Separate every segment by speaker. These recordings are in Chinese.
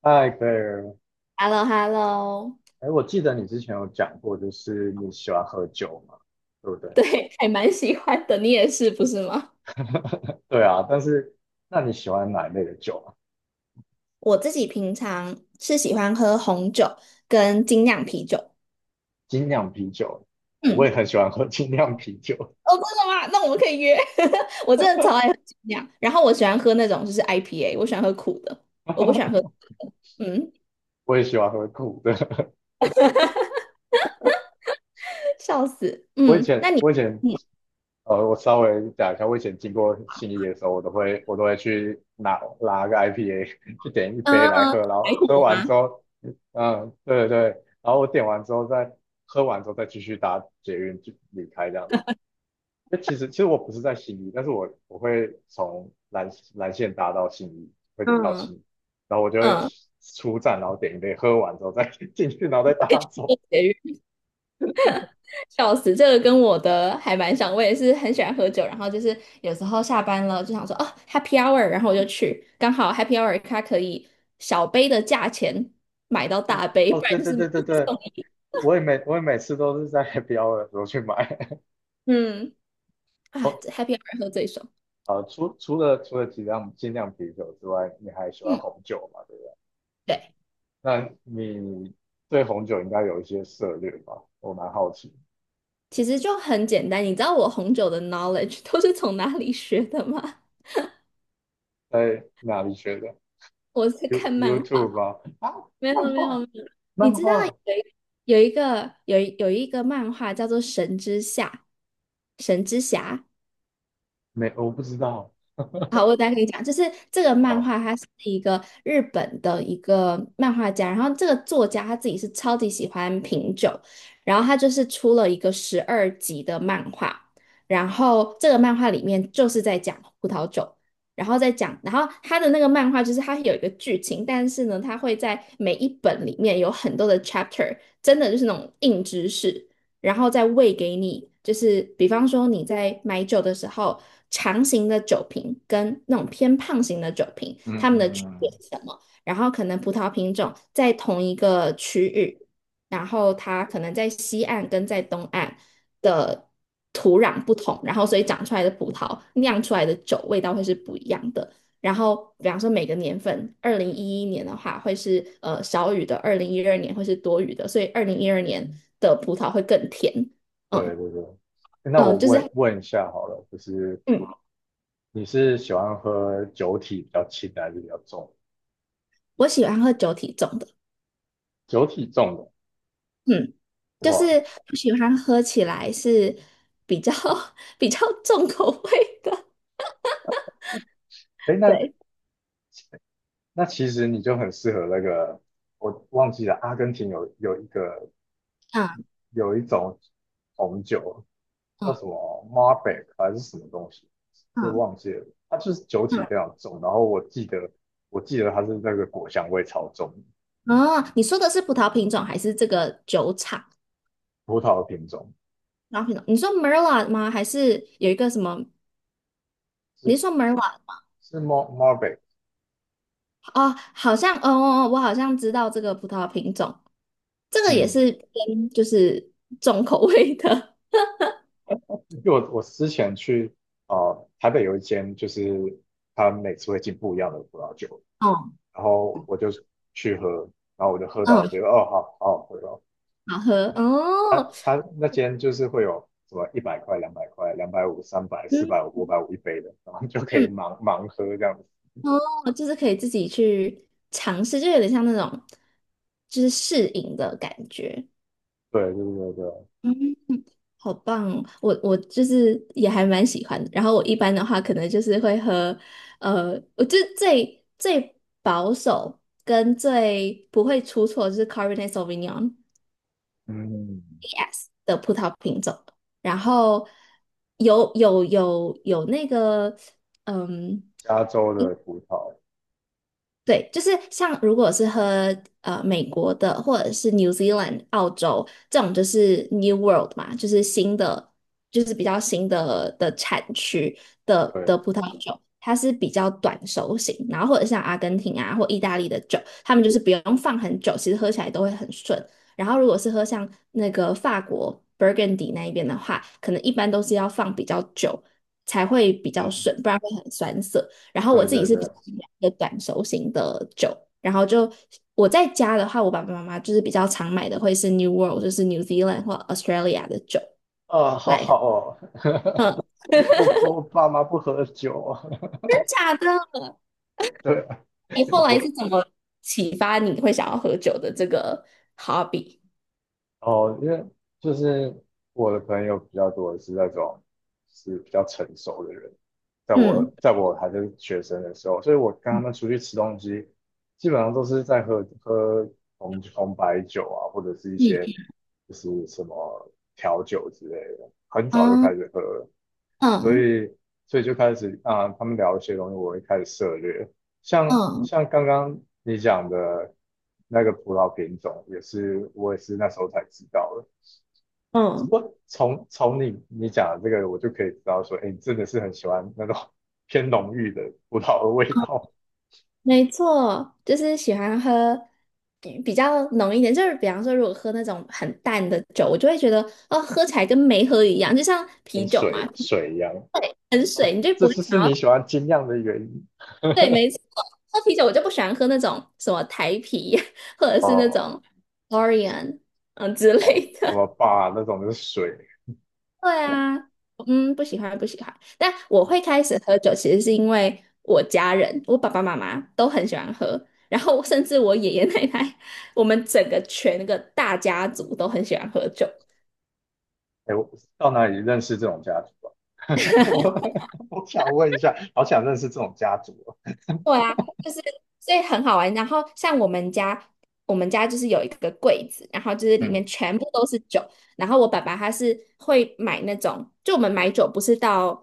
Speaker 1: 嗨，贝尔，
Speaker 2: h e l l o h e l l o
Speaker 1: 哎，我记得你之前有讲过，就是你喜欢喝酒嘛，对不对？
Speaker 2: 对，还蛮喜欢的。你也是，不是吗？
Speaker 1: 对啊，但是那你喜欢哪一类的酒啊？
Speaker 2: 我自己平常是喜欢喝红酒跟精酿啤酒。
Speaker 1: 精酿啤酒，我
Speaker 2: 嗯，
Speaker 1: 也很喜欢喝精酿啤酒。
Speaker 2: 哦，真的吗？那我们可以约。我真的超爱喝精酿，然后我喜欢喝那种就是 IPA，我喜欢喝苦的，我不喜欢喝甜 的。嗯，
Speaker 1: 我也喜欢喝苦的。
Speaker 2: 笑死。
Speaker 1: 我以
Speaker 2: 嗯，那
Speaker 1: 前，
Speaker 2: 你，
Speaker 1: 我以前，
Speaker 2: 嗯，
Speaker 1: 呃，我稍微讲一下，我以前经过信义的时候，我都会去拿个 IPA，去点一杯
Speaker 2: 嗯，
Speaker 1: 来喝，然
Speaker 2: 白
Speaker 1: 后喝
Speaker 2: 虎
Speaker 1: 完之
Speaker 2: 吗？
Speaker 1: 后，嗯，对，然后我点完之后再喝完之后再继续搭捷运就离开这样。那其实我不是在信义，但是我会从蓝线搭到信义，会到
Speaker 2: 嗯
Speaker 1: 信义，然后我就会
Speaker 2: 嗯，
Speaker 1: 出站，然后点一杯，喝完之后再 进去，然后再搭走。
Speaker 2: 笑死，这个跟我的还蛮像，我也是很喜欢喝酒，然后就是有时候下班了就想说哦，happy hour,然后我就去，刚好 happy hour 它可以小杯的价钱买到大杯，
Speaker 1: 哦，
Speaker 2: 不然
Speaker 1: 对
Speaker 2: 就
Speaker 1: 对
Speaker 2: 是买
Speaker 1: 对对
Speaker 2: 一
Speaker 1: 对，
Speaker 2: 送一。
Speaker 1: 我也每次都是在 h 的时候去买。
Speaker 2: 嗯，
Speaker 1: 哦，
Speaker 2: 啊这，happy hour 喝最爽。
Speaker 1: 除了几量精酿啤酒之外，你还喜欢
Speaker 2: 嗯，
Speaker 1: 红酒嘛？对不对？
Speaker 2: 对，
Speaker 1: 那你对红酒应该有一些涉猎吧？我蛮好奇，
Speaker 2: 其实就很简单。你知道我红酒的 knowledge 都是从哪里学的吗？
Speaker 1: 在哪里学的？
Speaker 2: 我是看漫画，
Speaker 1: YouTube 吗？啊，
Speaker 2: 没有
Speaker 1: 漫
Speaker 2: 没有
Speaker 1: 画，
Speaker 2: 没有。你
Speaker 1: 漫
Speaker 2: 知道
Speaker 1: 画。
Speaker 2: 有一有一个漫画叫做《神之下》，神之侠。
Speaker 1: 没，我不知道。
Speaker 2: 好，我再跟你讲，就是这个漫
Speaker 1: 哦，
Speaker 2: 画，它是一个日本的一个漫画家，然后这个作家他自己是超级喜欢品酒，然后他就是出了一个12集的漫画，然后这个漫画里面就是在讲葡萄酒，然后再讲，然后他的那个漫画就是它有一个剧情，但是呢，它会在每一本里面有很多的 chapter，真的就是那种硬知识，然后再喂给你，就是比方说你在买酒的时候，长型的酒瓶跟那种偏胖型的酒瓶，
Speaker 1: 嗯
Speaker 2: 它
Speaker 1: 嗯
Speaker 2: 们的区别
Speaker 1: 嗯，
Speaker 2: 是什么？然后可能葡萄品种在同一个区域，然后它可能在西岸跟在东岸的土壤不同，然后所以长出来的葡萄酿出来的酒味道会是不一样的。然后，比方说每个年份，2011年的话会是少雨的，二零一二年会是多雨的，所以二零一二年的葡萄会更甜。
Speaker 1: 对
Speaker 2: 嗯
Speaker 1: 对对。那我
Speaker 2: 嗯，就是
Speaker 1: 问问一下好了，就是
Speaker 2: 嗯，
Speaker 1: 你是喜欢喝酒体比较轻的还是比较重？
Speaker 2: 我喜欢喝酒体重的，
Speaker 1: 酒体重的，
Speaker 2: 嗯，就是
Speaker 1: 哇，
Speaker 2: 我喜欢喝起来是比较 比较重口味的。
Speaker 1: 哎，
Speaker 2: 对，
Speaker 1: 那其实你就很适合那个，我忘记了，阿根廷有一个
Speaker 2: 嗯
Speaker 1: 有一种红酒
Speaker 2: 嗯
Speaker 1: 叫什么 m a r b e c 还是什么东西，对，
Speaker 2: 嗯
Speaker 1: 忘记了，它就是酒体
Speaker 2: 嗯。
Speaker 1: 非常重，然后我记得它是那个果香味超重，
Speaker 2: 哦，你说的是葡萄品种还是这个酒厂？
Speaker 1: 葡萄的品种。
Speaker 2: 葡萄品种？你说 Merlot 吗？还是有一个什么？你是
Speaker 1: 是
Speaker 2: 说 Merlot？
Speaker 1: 是 m 墨 r m
Speaker 2: 哦，好像，哦我好像知道这个葡萄品种，这个也
Speaker 1: 嗯，
Speaker 2: 是偏就是重口味的
Speaker 1: 因为我之前去呃台北有一间，就是他每次会进不一样的葡萄酒，
Speaker 2: 哦，
Speaker 1: 然后我就去喝，然后我就喝到我
Speaker 2: 嗯，
Speaker 1: 觉得哦好好好喝哦，
Speaker 2: 好喝哦，
Speaker 1: 他那间就是会有什么一百块、两百块、两百五、三百、四百五、
Speaker 2: 嗯
Speaker 1: 五百五一杯的，然后就可以
Speaker 2: 嗯，
Speaker 1: 盲喝这样子。
Speaker 2: 哦，就是可以自己去尝试，就有点像那种就是试饮的感觉，
Speaker 1: 对对对对，
Speaker 2: 嗯，好棒哦我就是也还蛮喜欢的，然后我一般的话可能就是会喝，我就最保守跟最不会出错就是 Cabernet Sauvignon。
Speaker 1: 嗯，
Speaker 2: y e S 的葡萄品种，然后有那个，嗯，
Speaker 1: 加州的葡萄，
Speaker 2: 对，就是像如果是喝美国的或者是 New Zealand、澳洲这种，就是 New World 嘛，就是新的，就是比较新的产区的
Speaker 1: 对，
Speaker 2: 的葡萄酒，它是比较短熟型，然后或者像阿根廷啊或意大利的酒，他们就是不用放很久，其实喝起来都会很顺。然后如果是喝像那个法国 Burgundy 那一边的话，可能一般都是要放比较久才会比较
Speaker 1: 嗯，
Speaker 2: 顺，不然会很酸涩。然后我
Speaker 1: 对
Speaker 2: 自己
Speaker 1: 对
Speaker 2: 是比
Speaker 1: 对，
Speaker 2: 较喜欢一个短熟型的酒，然后就我在家的话，我爸爸妈妈就是比较常买的会是 New World，就是 New Zealand 或 Australia 的酒
Speaker 1: 啊，好好
Speaker 2: 来，
Speaker 1: 哦，
Speaker 2: 嗯，
Speaker 1: 我爸妈不喝酒。
Speaker 2: 真假的？
Speaker 1: 对，
Speaker 2: 你后来是
Speaker 1: 我
Speaker 2: 怎么启发你会想要喝酒的这个 hobby？
Speaker 1: 哦，因为就是我的朋友比较多的是那种是比较成熟的人，在
Speaker 2: 嗯
Speaker 1: 在我还是学生的时候，所以我跟他们出去吃东西，基本上都是在喝红白酒啊，或者是一些就是什么调酒之类的，很早就开
Speaker 2: 嗯
Speaker 1: 始喝了，所
Speaker 2: 嗯
Speaker 1: 以所以就开始啊，他们聊一些东西，我会开始涉猎。
Speaker 2: 嗯嗯
Speaker 1: 像刚刚你讲的那个葡萄品种，我也是那时候才知道的。只不
Speaker 2: 嗯。
Speaker 1: 过从你讲的这个，我就可以知道说，哎，你真的是很喜欢那种 偏浓郁的葡萄的味道，
Speaker 2: 没错，就是喜欢喝比较浓一点，就是比方说，如果喝那种很淡的酒，我就会觉得哦，喝起来跟没喝一样，就像
Speaker 1: 跟
Speaker 2: 啤酒嘛，
Speaker 1: 水一样。
Speaker 2: 很水，你
Speaker 1: 哦，
Speaker 2: 就
Speaker 1: 这
Speaker 2: 不会
Speaker 1: 次是
Speaker 2: 想
Speaker 1: 你喜
Speaker 2: 要。
Speaker 1: 欢精酿的原因。
Speaker 2: 对，没 错，喝啤酒我就不喜欢喝那种什么台啤 或者是那
Speaker 1: 哦
Speaker 2: 种 Orion 嗯之
Speaker 1: 哦，
Speaker 2: 类
Speaker 1: 什
Speaker 2: 的。
Speaker 1: 么吧那种就是水。
Speaker 2: 对啊，嗯，不喜欢不喜欢。但我会开始喝酒，其实是因为我家人，我爸爸妈妈都很喜欢喝，然后甚至我爷爷奶奶，我们整个全个大家族都很喜欢喝酒。
Speaker 1: 哎，我到哪里认识这种家族啊？我我想问一下，好想认识这种家族啊。
Speaker 2: 对啊，就是所以很好玩。然后像我们家，我们家就是有一个柜子，然后就是里
Speaker 1: 嗯，
Speaker 2: 面全部都是酒。然后我爸爸他是会买那种，就我们买酒不是到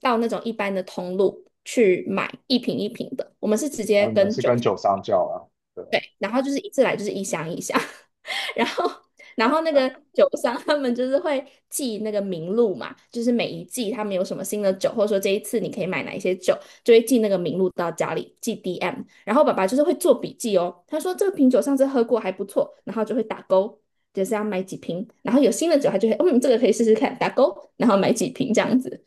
Speaker 2: 那种一般的通路去买一瓶一瓶的，我们是直接
Speaker 1: 哦，你们
Speaker 2: 跟
Speaker 1: 是
Speaker 2: 酒。
Speaker 1: 跟酒商叫啊？对，
Speaker 2: 对，然后就是一次来就是一箱一箱，然后那个酒商他们就是会记那个名录嘛，就是每一季他们有什么新的酒，或者说这一次你可以买哪一些酒，就会记那个名录到家里，记 DM。然后爸爸就是会做笔记哦，他说这个瓶酒上次喝过还不错，然后就会打勾，就是要买几瓶。然后有新的酒他就会，嗯，这个可以试试看，打勾，然后买几瓶这样子。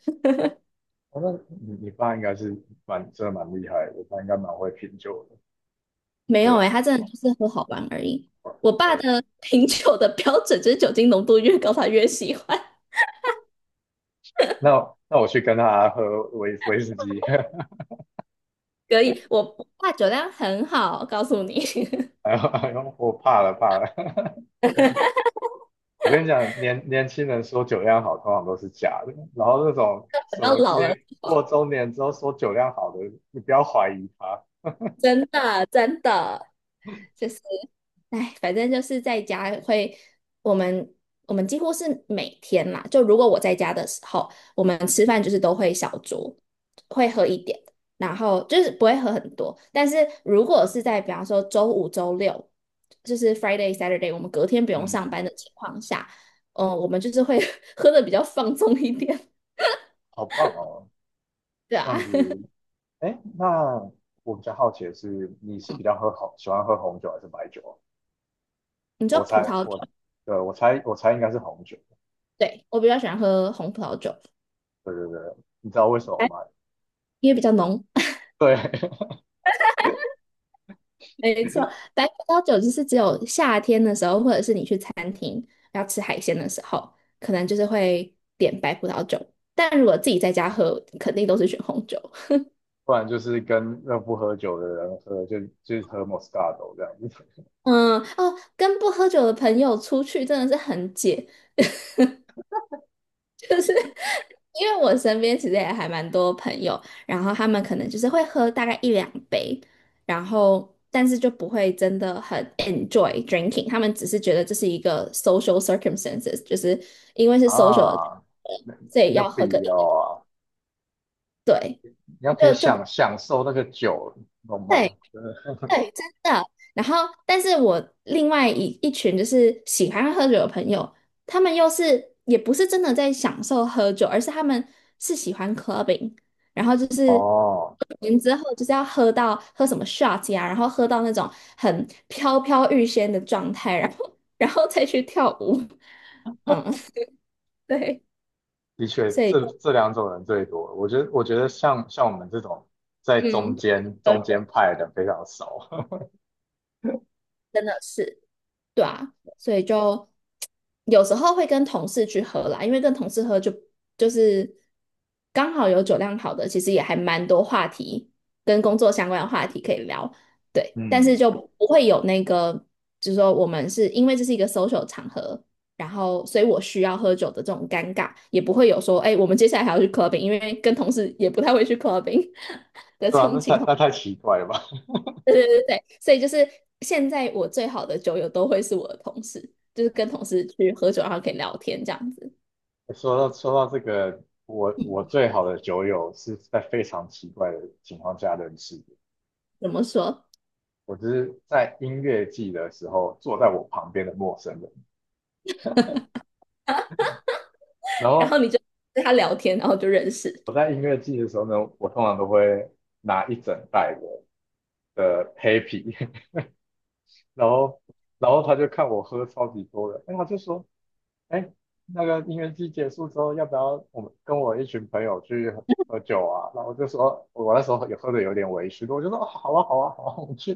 Speaker 1: 哦，那你爸应该是蛮厉害的，我爸应该蛮会品酒的。
Speaker 2: 没有诶，
Speaker 1: 对，
Speaker 2: 他真的就是喝好玩而已。
Speaker 1: 哦
Speaker 2: 我爸
Speaker 1: 哦
Speaker 2: 的 品酒的标准就是酒精浓度越高，他越喜欢。
Speaker 1: 那那我去跟他喝威士忌，
Speaker 2: 可以，我不怕酒量很好，告诉你，
Speaker 1: 哎呦哎呦，我怕了怕了。我跟你讲，年轻人说酒量好，通常都是假的。然后那种
Speaker 2: 等
Speaker 1: 什
Speaker 2: 到
Speaker 1: 么
Speaker 2: 老了
Speaker 1: 年
Speaker 2: 之
Speaker 1: 过
Speaker 2: 后，
Speaker 1: 中年之后说酒量好的，你不要怀疑他。
Speaker 2: 真的真的就是，哎，反正就是在家会，我们我们几乎是每天啦，就如果我在家的时候，我们吃饭就是都会小酌，会喝一点，然后就是不会喝很多，但是如果是在比方说周五、周六，就是 Friday、Saturday，我们隔天不用上班
Speaker 1: 嗯，
Speaker 2: 的情况下，嗯、我们就是会 喝的比较放纵一点，
Speaker 1: 好棒哦，
Speaker 2: 对
Speaker 1: 这
Speaker 2: 啊，
Speaker 1: 样子，哎，那我比较好奇的是，你是比较喝红，喜欢喝红酒还是白酒啊？
Speaker 2: 你知道
Speaker 1: 我
Speaker 2: 葡
Speaker 1: 猜，
Speaker 2: 萄。酒。
Speaker 1: 我，对，我猜应该是红酒。
Speaker 2: 对，我比较喜欢喝红葡萄酒，
Speaker 1: 对对对，你知道为什么
Speaker 2: 哎，
Speaker 1: 吗？
Speaker 2: 因为比较浓。
Speaker 1: 对，
Speaker 2: 没错，白葡萄酒就是只有夏天的时候，或者是你去餐厅要吃海鲜的时候，可能就是会点白葡萄酒。但如果自己在家喝，肯定都是选红酒。
Speaker 1: 不然就是跟那不喝酒的人喝，就是喝 Moscato 这样子
Speaker 2: 嗯，哦，跟不喝酒的朋友出去真的是很解，就是。因为我身边其实也还蛮多朋友，然后他们可能就是会喝大概一两杯，然后但是就不会真的很 enjoy drinking，他们只是觉得这是一个 social circumstances，就是因为是 social，的
Speaker 1: 啊，那
Speaker 2: 所以
Speaker 1: 有
Speaker 2: 要喝
Speaker 1: 必
Speaker 2: 个一
Speaker 1: 要啊，
Speaker 2: 对，
Speaker 1: 你要可以
Speaker 2: 就就
Speaker 1: 享受那个酒，懂吗？
Speaker 2: 对，
Speaker 1: 对
Speaker 2: 对，真的。然后，但是我另外一群就是喜欢喝酒的朋友，他们又是也不是真的在享受喝酒，而是他们是喜欢 clubbing，然后就是
Speaker 1: 哦。
Speaker 2: 完之后就是要喝到喝什么 shots 呀，然后喝到那种很飘飘欲仙的状态，然后再去跳舞。嗯，对，
Speaker 1: 的确，
Speaker 2: 所以就
Speaker 1: 这这两种人最多。我觉得像我们这种在
Speaker 2: 嗯，呃
Speaker 1: 中间派的人非常少，
Speaker 2: 真的是。对啊，所以就有时候会跟同事去喝啦，因为跟同事喝就是刚好有酒量好的，其实也还蛮多话题跟工作相关的话题可以聊，对，但是
Speaker 1: 嗯，
Speaker 2: 就不会有那个，就是说我们是因为这是一个 social 场合，然后所以我需要喝酒的这种尴尬，也不会有说，哎，我们接下来还要去 clubbing，因为跟同事也不太会去 clubbing 的
Speaker 1: 是
Speaker 2: 这
Speaker 1: 吧？
Speaker 2: 种情况。
Speaker 1: 那太奇怪了吧？
Speaker 2: 对对对对，所以就是现在我最好的酒友都会是我的同事，就是跟同事去喝酒，然后可以聊天这样子。
Speaker 1: 说到这个，我最好的酒友是在非常奇怪的情况下认识的。
Speaker 2: 怎么说？
Speaker 1: 我只是在音乐季的时候坐在我旁边的陌生人，然
Speaker 2: 然后
Speaker 1: 后
Speaker 2: 你就跟他聊天，然后就认识。
Speaker 1: 我在音乐季的时候呢，我通常都会拿一整袋的的黑啤，然后然后他就看我喝超级多的，哎，他就说。哎，那个音乐季结束之后，要不要我们跟我一群朋友去喝酒啊？然后我就说，我那时候也喝的有点微醺，我就说哦好啊，好啊，好啊，我们去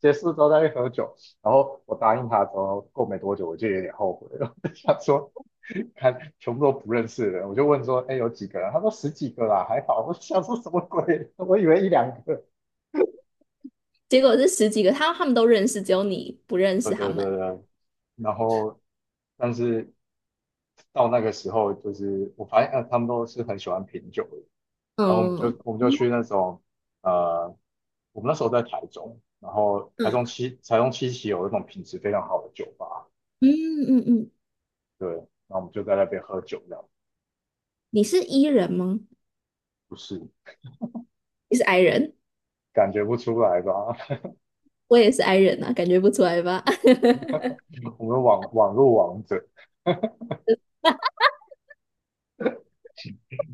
Speaker 1: 结束之后再去喝酒。然后我答应他之后，过没多久我就有点后悔了，我就想说，看全部都不认识的人，我就问说，哎，有几个人？他说十几个啦，还好。我想说什么鬼？我以为一两个。
Speaker 2: 结果是十几个，他们都认识，只有你不认
Speaker 1: 对
Speaker 2: 识他
Speaker 1: 对
Speaker 2: 们。
Speaker 1: 对对，然后但是到那个时候，就是我发现呃他们都是很喜欢品酒的，然后
Speaker 2: 嗯
Speaker 1: 我们就
Speaker 2: 嗯
Speaker 1: 去那种呃，我们那时候在台中，然后台中七期有一种品质非常好的酒吧，
Speaker 2: 嗯嗯嗯，
Speaker 1: 对，然后我们就在那边喝酒，这样
Speaker 2: 你是 E 人吗？
Speaker 1: 不是
Speaker 2: 你是 I 人，
Speaker 1: 感觉不出来吧？
Speaker 2: 我也是 I 人啊，感觉不出来吧？
Speaker 1: 我们网络王者，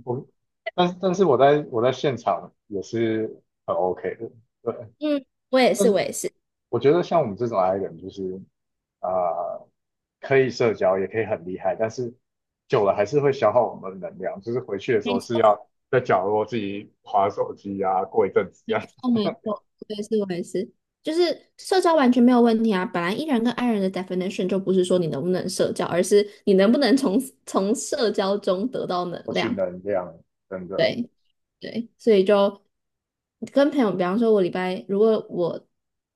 Speaker 1: 我但是我在在现场也是很 OK 的，对。
Speaker 2: 嗯，我也
Speaker 1: 但
Speaker 2: 是，
Speaker 1: 是。
Speaker 2: 我也是。
Speaker 1: 我觉得像我们这种 I 人，就是啊呃，可以社交，也可以很厉害，但是久了还是会消耗我们的能量。就是回去的时
Speaker 2: 没
Speaker 1: 候是
Speaker 2: 错，
Speaker 1: 要在角落自己划手机啊，过一阵子这样子
Speaker 2: 哦，没错，我也是，我也是，就是社交完全没有问题啊。本来 E 人跟 I 人的 definition 就不是说你能不能社交，而是你能不能从社交中得到能
Speaker 1: 获取
Speaker 2: 量。
Speaker 1: 能量，真的。
Speaker 2: 对对，所以就跟朋友，比方说，我礼拜如果我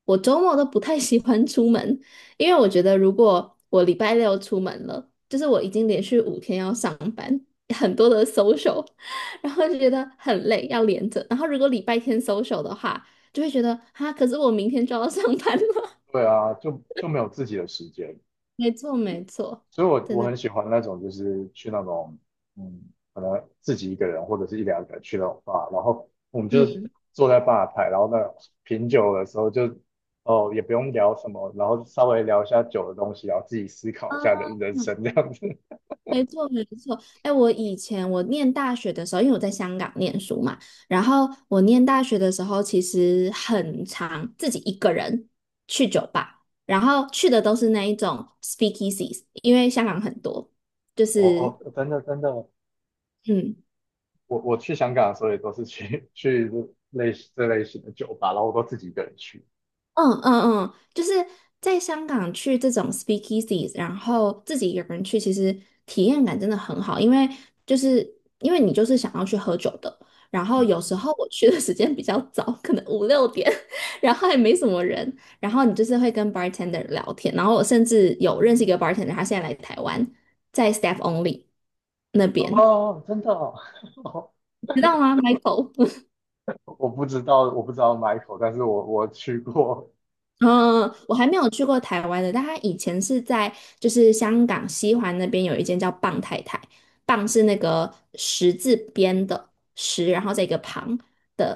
Speaker 2: 我周末都不太喜欢出门，因为我觉得如果我礼拜六出门了，就是我已经连续五天要上班，很多的 social，然后就觉得很累，要连着。然后如果礼拜天 social 的话，就会觉得哈，可是我明天就要上班了。
Speaker 1: 对啊，就就没有自己的时间。
Speaker 2: 没错，没错，
Speaker 1: 所以
Speaker 2: 真
Speaker 1: 我
Speaker 2: 的，
Speaker 1: 很喜欢那种，就是去那种，嗯，可能自己一个人或者是一两个人去那种 b 然后我们就
Speaker 2: 嗯，
Speaker 1: 坐在吧台，然后那品酒的时候就，哦，也不用聊什么，然后稍微聊一下酒的东西，然后自己思考一下
Speaker 2: 啊
Speaker 1: 人生这样子。
Speaker 2: 没错，没错。哎，我以前我念大学的时候，因为我在香港念书嘛，然后我念大学的时候，其实很常自己一个人去酒吧，然后去的都是那一种 speakeasies，因为香港很多，就
Speaker 1: 哦
Speaker 2: 是
Speaker 1: 哦，真的真的，
Speaker 2: 嗯。
Speaker 1: 我去香港的时候也都是去 去类似这类型的酒吧，然后我都自己一个人去。
Speaker 2: 嗯嗯嗯，就是在香港去这种 speakeasies，然后自己一个人去，其实体验感真的很好，因为就是因为你就是想要去喝酒的，然后
Speaker 1: 嗯，
Speaker 2: 有时候我去的时间比较早，可能五六点，然后也没什么人，然后你就是会跟 bartender 聊天，然后我甚至有认识一个 bartender，他现在来台湾，在 staff only 那边，
Speaker 1: 哦，真的哦，
Speaker 2: 你知道吗，Michael？
Speaker 1: 我不知道 Michael，但是我去过，
Speaker 2: 嗯，嗯嗯我还没有去过台湾的，但他以前是在就是香港西环那边有一间叫棒太太，棒是那个十字边的十，然后在一个旁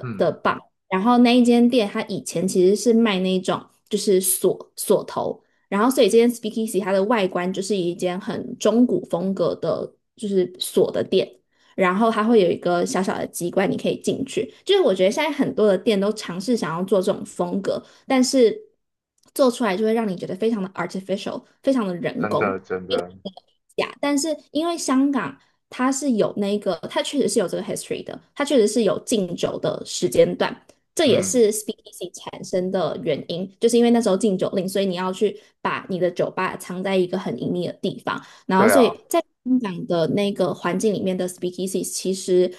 Speaker 2: 的
Speaker 1: 嗯。
Speaker 2: 棒，然后那一间店它以前其实是卖那种就是锁头，然后所以这间 Speakeasy 它的外观就是一间很中古风格的，就是锁的店。然后它会有一个小小的机关，你可以进去。就是我觉得现在很多的店都尝试想要做这种风格，但是做出来就会让你觉得非常的 artificial，非常的人
Speaker 1: 真
Speaker 2: 工。
Speaker 1: 的真的，
Speaker 2: 假，但是因为香港它是有那个，它确实是有这个 history 的，它确实是有禁酒的时间段，这也
Speaker 1: 嗯，
Speaker 2: 是 speakeasy 产生的原因，就是因为那时候禁酒令，所以你要去把你的酒吧藏在一个很隐秘的地方，然后
Speaker 1: 对
Speaker 2: 所
Speaker 1: 啊，
Speaker 2: 以在香港的那个环境里面的 speakeasy 其实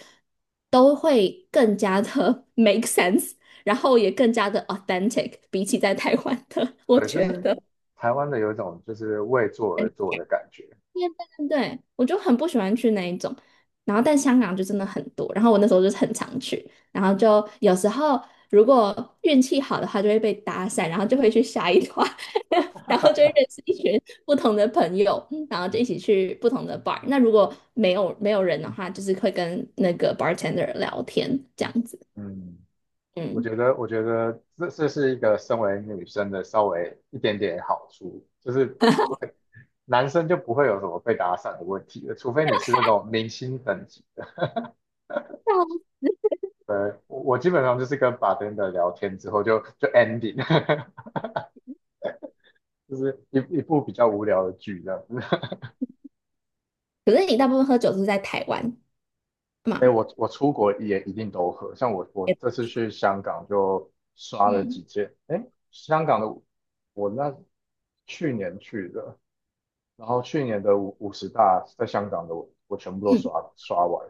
Speaker 2: 都会更加的 make sense，然后也更加的 authentic，比起在台湾的，我
Speaker 1: 对，就
Speaker 2: 觉
Speaker 1: 是
Speaker 2: 得。
Speaker 1: 台湾的有一种就是为做而做的感觉，
Speaker 2: 对对对，我就很不喜欢去那一种，然后但香港就真的很多，然后我那时候就是很常去，然后就有时候如果运气好的话就会被搭讪，然后就会去下一团，然后就会认识一群不同的朋友，嗯然后就一起去不同的 bar。那如果没有人的话，就是会跟那个 bartender 聊天这样子，
Speaker 1: 嗯，
Speaker 2: 嗯。
Speaker 1: 我觉得这这是一个身为女生的稍微一点点好处，就是 男生就不会有什么被打散的问题了，除非你是那种明星等级，呃，我基本上就是跟 b a r 聊天之后就 ending，就是一部比较无聊的剧这样。
Speaker 2: 可是你大部分喝酒是在台湾
Speaker 1: 哎，
Speaker 2: 嘛？
Speaker 1: 我出国也一定都喝，像我这次去香港就刷了几
Speaker 2: 嗯，
Speaker 1: 件。哎，香港的我那去年去的，然后去年的五十大在香港的我全部都
Speaker 2: 嗯，
Speaker 1: 刷完。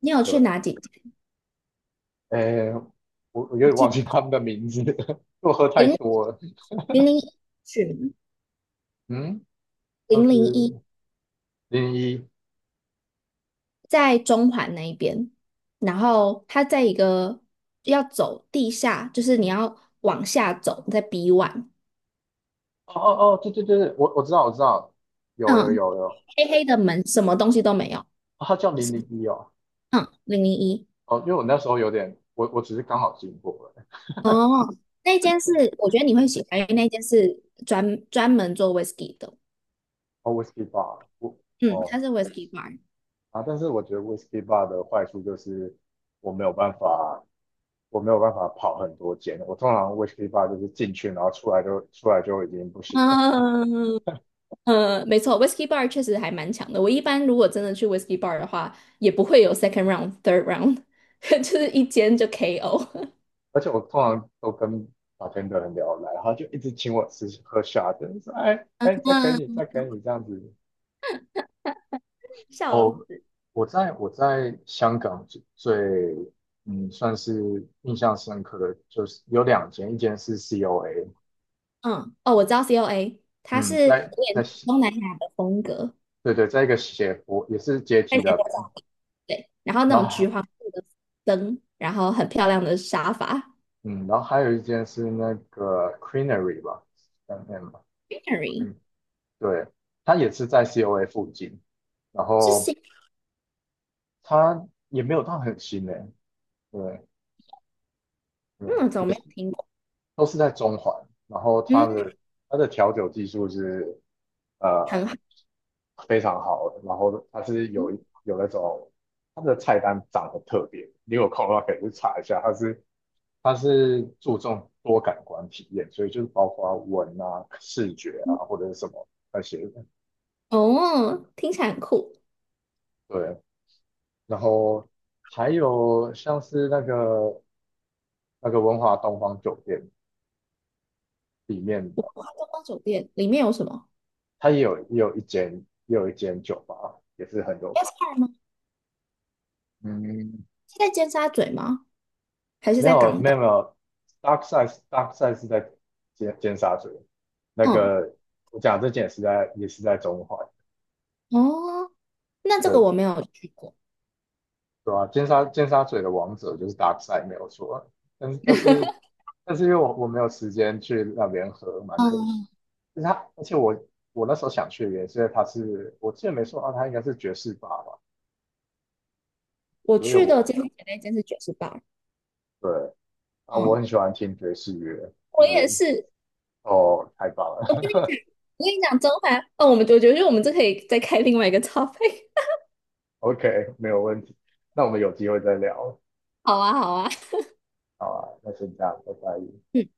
Speaker 2: 你有
Speaker 1: 对，
Speaker 2: 去哪几间？
Speaker 1: 哎，我有点
Speaker 2: 记
Speaker 1: 忘
Speaker 2: 得
Speaker 1: 记他们的名字，因为我喝太
Speaker 2: 零
Speaker 1: 多了。
Speaker 2: 零零一去吗？
Speaker 1: 嗯，那
Speaker 2: 零零一
Speaker 1: 是零一。
Speaker 2: 在中环那一边，然后它在一个要走地下，就是你要往下走，在 B o
Speaker 1: 哦哦哦，对对对对，我知道，有有
Speaker 2: 嗯，
Speaker 1: 有有，哦
Speaker 2: 黑黑的门，什么东西都没有，
Speaker 1: 他叫零
Speaker 2: 是
Speaker 1: 零一哦。
Speaker 2: 嗯，零零一，
Speaker 1: 哦，因为我那时候有点，我只是刚好经过了。
Speaker 2: 哦，那间是我觉得你会喜欢，因为那间是专门做 whisky 的，
Speaker 1: 哦，whisky bar，我
Speaker 2: 嗯，它
Speaker 1: 哦
Speaker 2: 是 whisky bar。
Speaker 1: 啊，但是我觉得 whisky bar 的坏处就是我没有办法，我没有办法跑很多间。我通常 whisky bar 就是进去，然后出来就出来就已经不行了。
Speaker 2: 嗯，呃，没错，Whisky Bar 确实还蛮强的。我一般如果真的去 Whisky Bar 的话，也不会有 second round、third round，就是一间就 KO。
Speaker 1: 而且我通常都跟 bartender 很聊得来，他就一直请我吃喝 shot，说哎哎，
Speaker 2: 嗯
Speaker 1: 再给你这样子。
Speaker 2: 笑
Speaker 1: 哦，
Speaker 2: 死
Speaker 1: 我在我在香港最嗯算是印象深刻的就是有两间，一间是 COA。
Speaker 2: 嗯，哦，我知道 COA，它是
Speaker 1: 嗯，
Speaker 2: 有
Speaker 1: 在
Speaker 2: 点东南亚的风格，
Speaker 1: 对对，在一个斜坡，也是阶
Speaker 2: 看
Speaker 1: 梯
Speaker 2: 起
Speaker 1: 那
Speaker 2: 来
Speaker 1: 边。
Speaker 2: 对，然后那
Speaker 1: 然
Speaker 2: 种
Speaker 1: 后
Speaker 2: 橘
Speaker 1: 还，
Speaker 2: 黄色的灯，然后很漂亮的沙发
Speaker 1: 嗯，然后还有一间是那个 c r e a n e r y 吧，嗯嗯吧，
Speaker 2: g r n e r y
Speaker 1: 嗯，对，它也是在 COA 附近，然
Speaker 2: 是新，
Speaker 1: 后它也没有到很新诶，对对，
Speaker 2: 嗯，怎么没有听过？
Speaker 1: 都是在中环。然后
Speaker 2: 嗯，
Speaker 1: 它的调酒技术是呃
Speaker 2: 很好，
Speaker 1: 非常好的，然后它是有
Speaker 2: 嗯
Speaker 1: 有那种它的菜单长得特别，你有空的话可以去查一下，它是注重多感官体验，所以就是包括闻啊、视觉
Speaker 2: 嗯
Speaker 1: 啊或者是什么那些的
Speaker 2: 哦，听起来很酷。
Speaker 1: 对，然后还有像是那个文华东方酒店里面
Speaker 2: 我
Speaker 1: 的，
Speaker 2: 观光酒店里面有什么
Speaker 1: 它也有也有一间酒吧，也是很有
Speaker 2: s r 吗？
Speaker 1: 嗯，
Speaker 2: 是在尖沙咀吗？还是
Speaker 1: 没
Speaker 2: 在
Speaker 1: 有
Speaker 2: 港
Speaker 1: 没
Speaker 2: 岛？
Speaker 1: 有没有，Dark Side 是在尖沙咀，那
Speaker 2: 嗯，
Speaker 1: 个我讲这间也是也是在中环，
Speaker 2: 哦，那这个
Speaker 1: 对，
Speaker 2: 我没有去过。
Speaker 1: 对吧、尖沙咀的王者就是 Dark Side 没有错，但是但是但是因为我没有时间去那边喝，蛮可惜。
Speaker 2: 嗯，
Speaker 1: 就是他，而且我那时候想去的原因是因为他是，我记得没错啊，他应该是爵士吧吧，
Speaker 2: 我
Speaker 1: 因为
Speaker 2: 去的
Speaker 1: 我
Speaker 2: 尖沙咀那间是爵士 b
Speaker 1: 对啊，我
Speaker 2: 嗯，
Speaker 1: 很喜欢听爵士乐，就
Speaker 2: 我也
Speaker 1: 是
Speaker 2: 是，
Speaker 1: 哦，太棒
Speaker 2: 我跟你讲，我
Speaker 1: 了
Speaker 2: 跟你讲，甄嬛，哦，我们我觉得我们这可以再开另外一个 topic。
Speaker 1: ，OK，没有问题，那我们有机会再聊，
Speaker 2: 好啊，好啊，
Speaker 1: 好啊，那先这样，拜拜。
Speaker 2: 嗯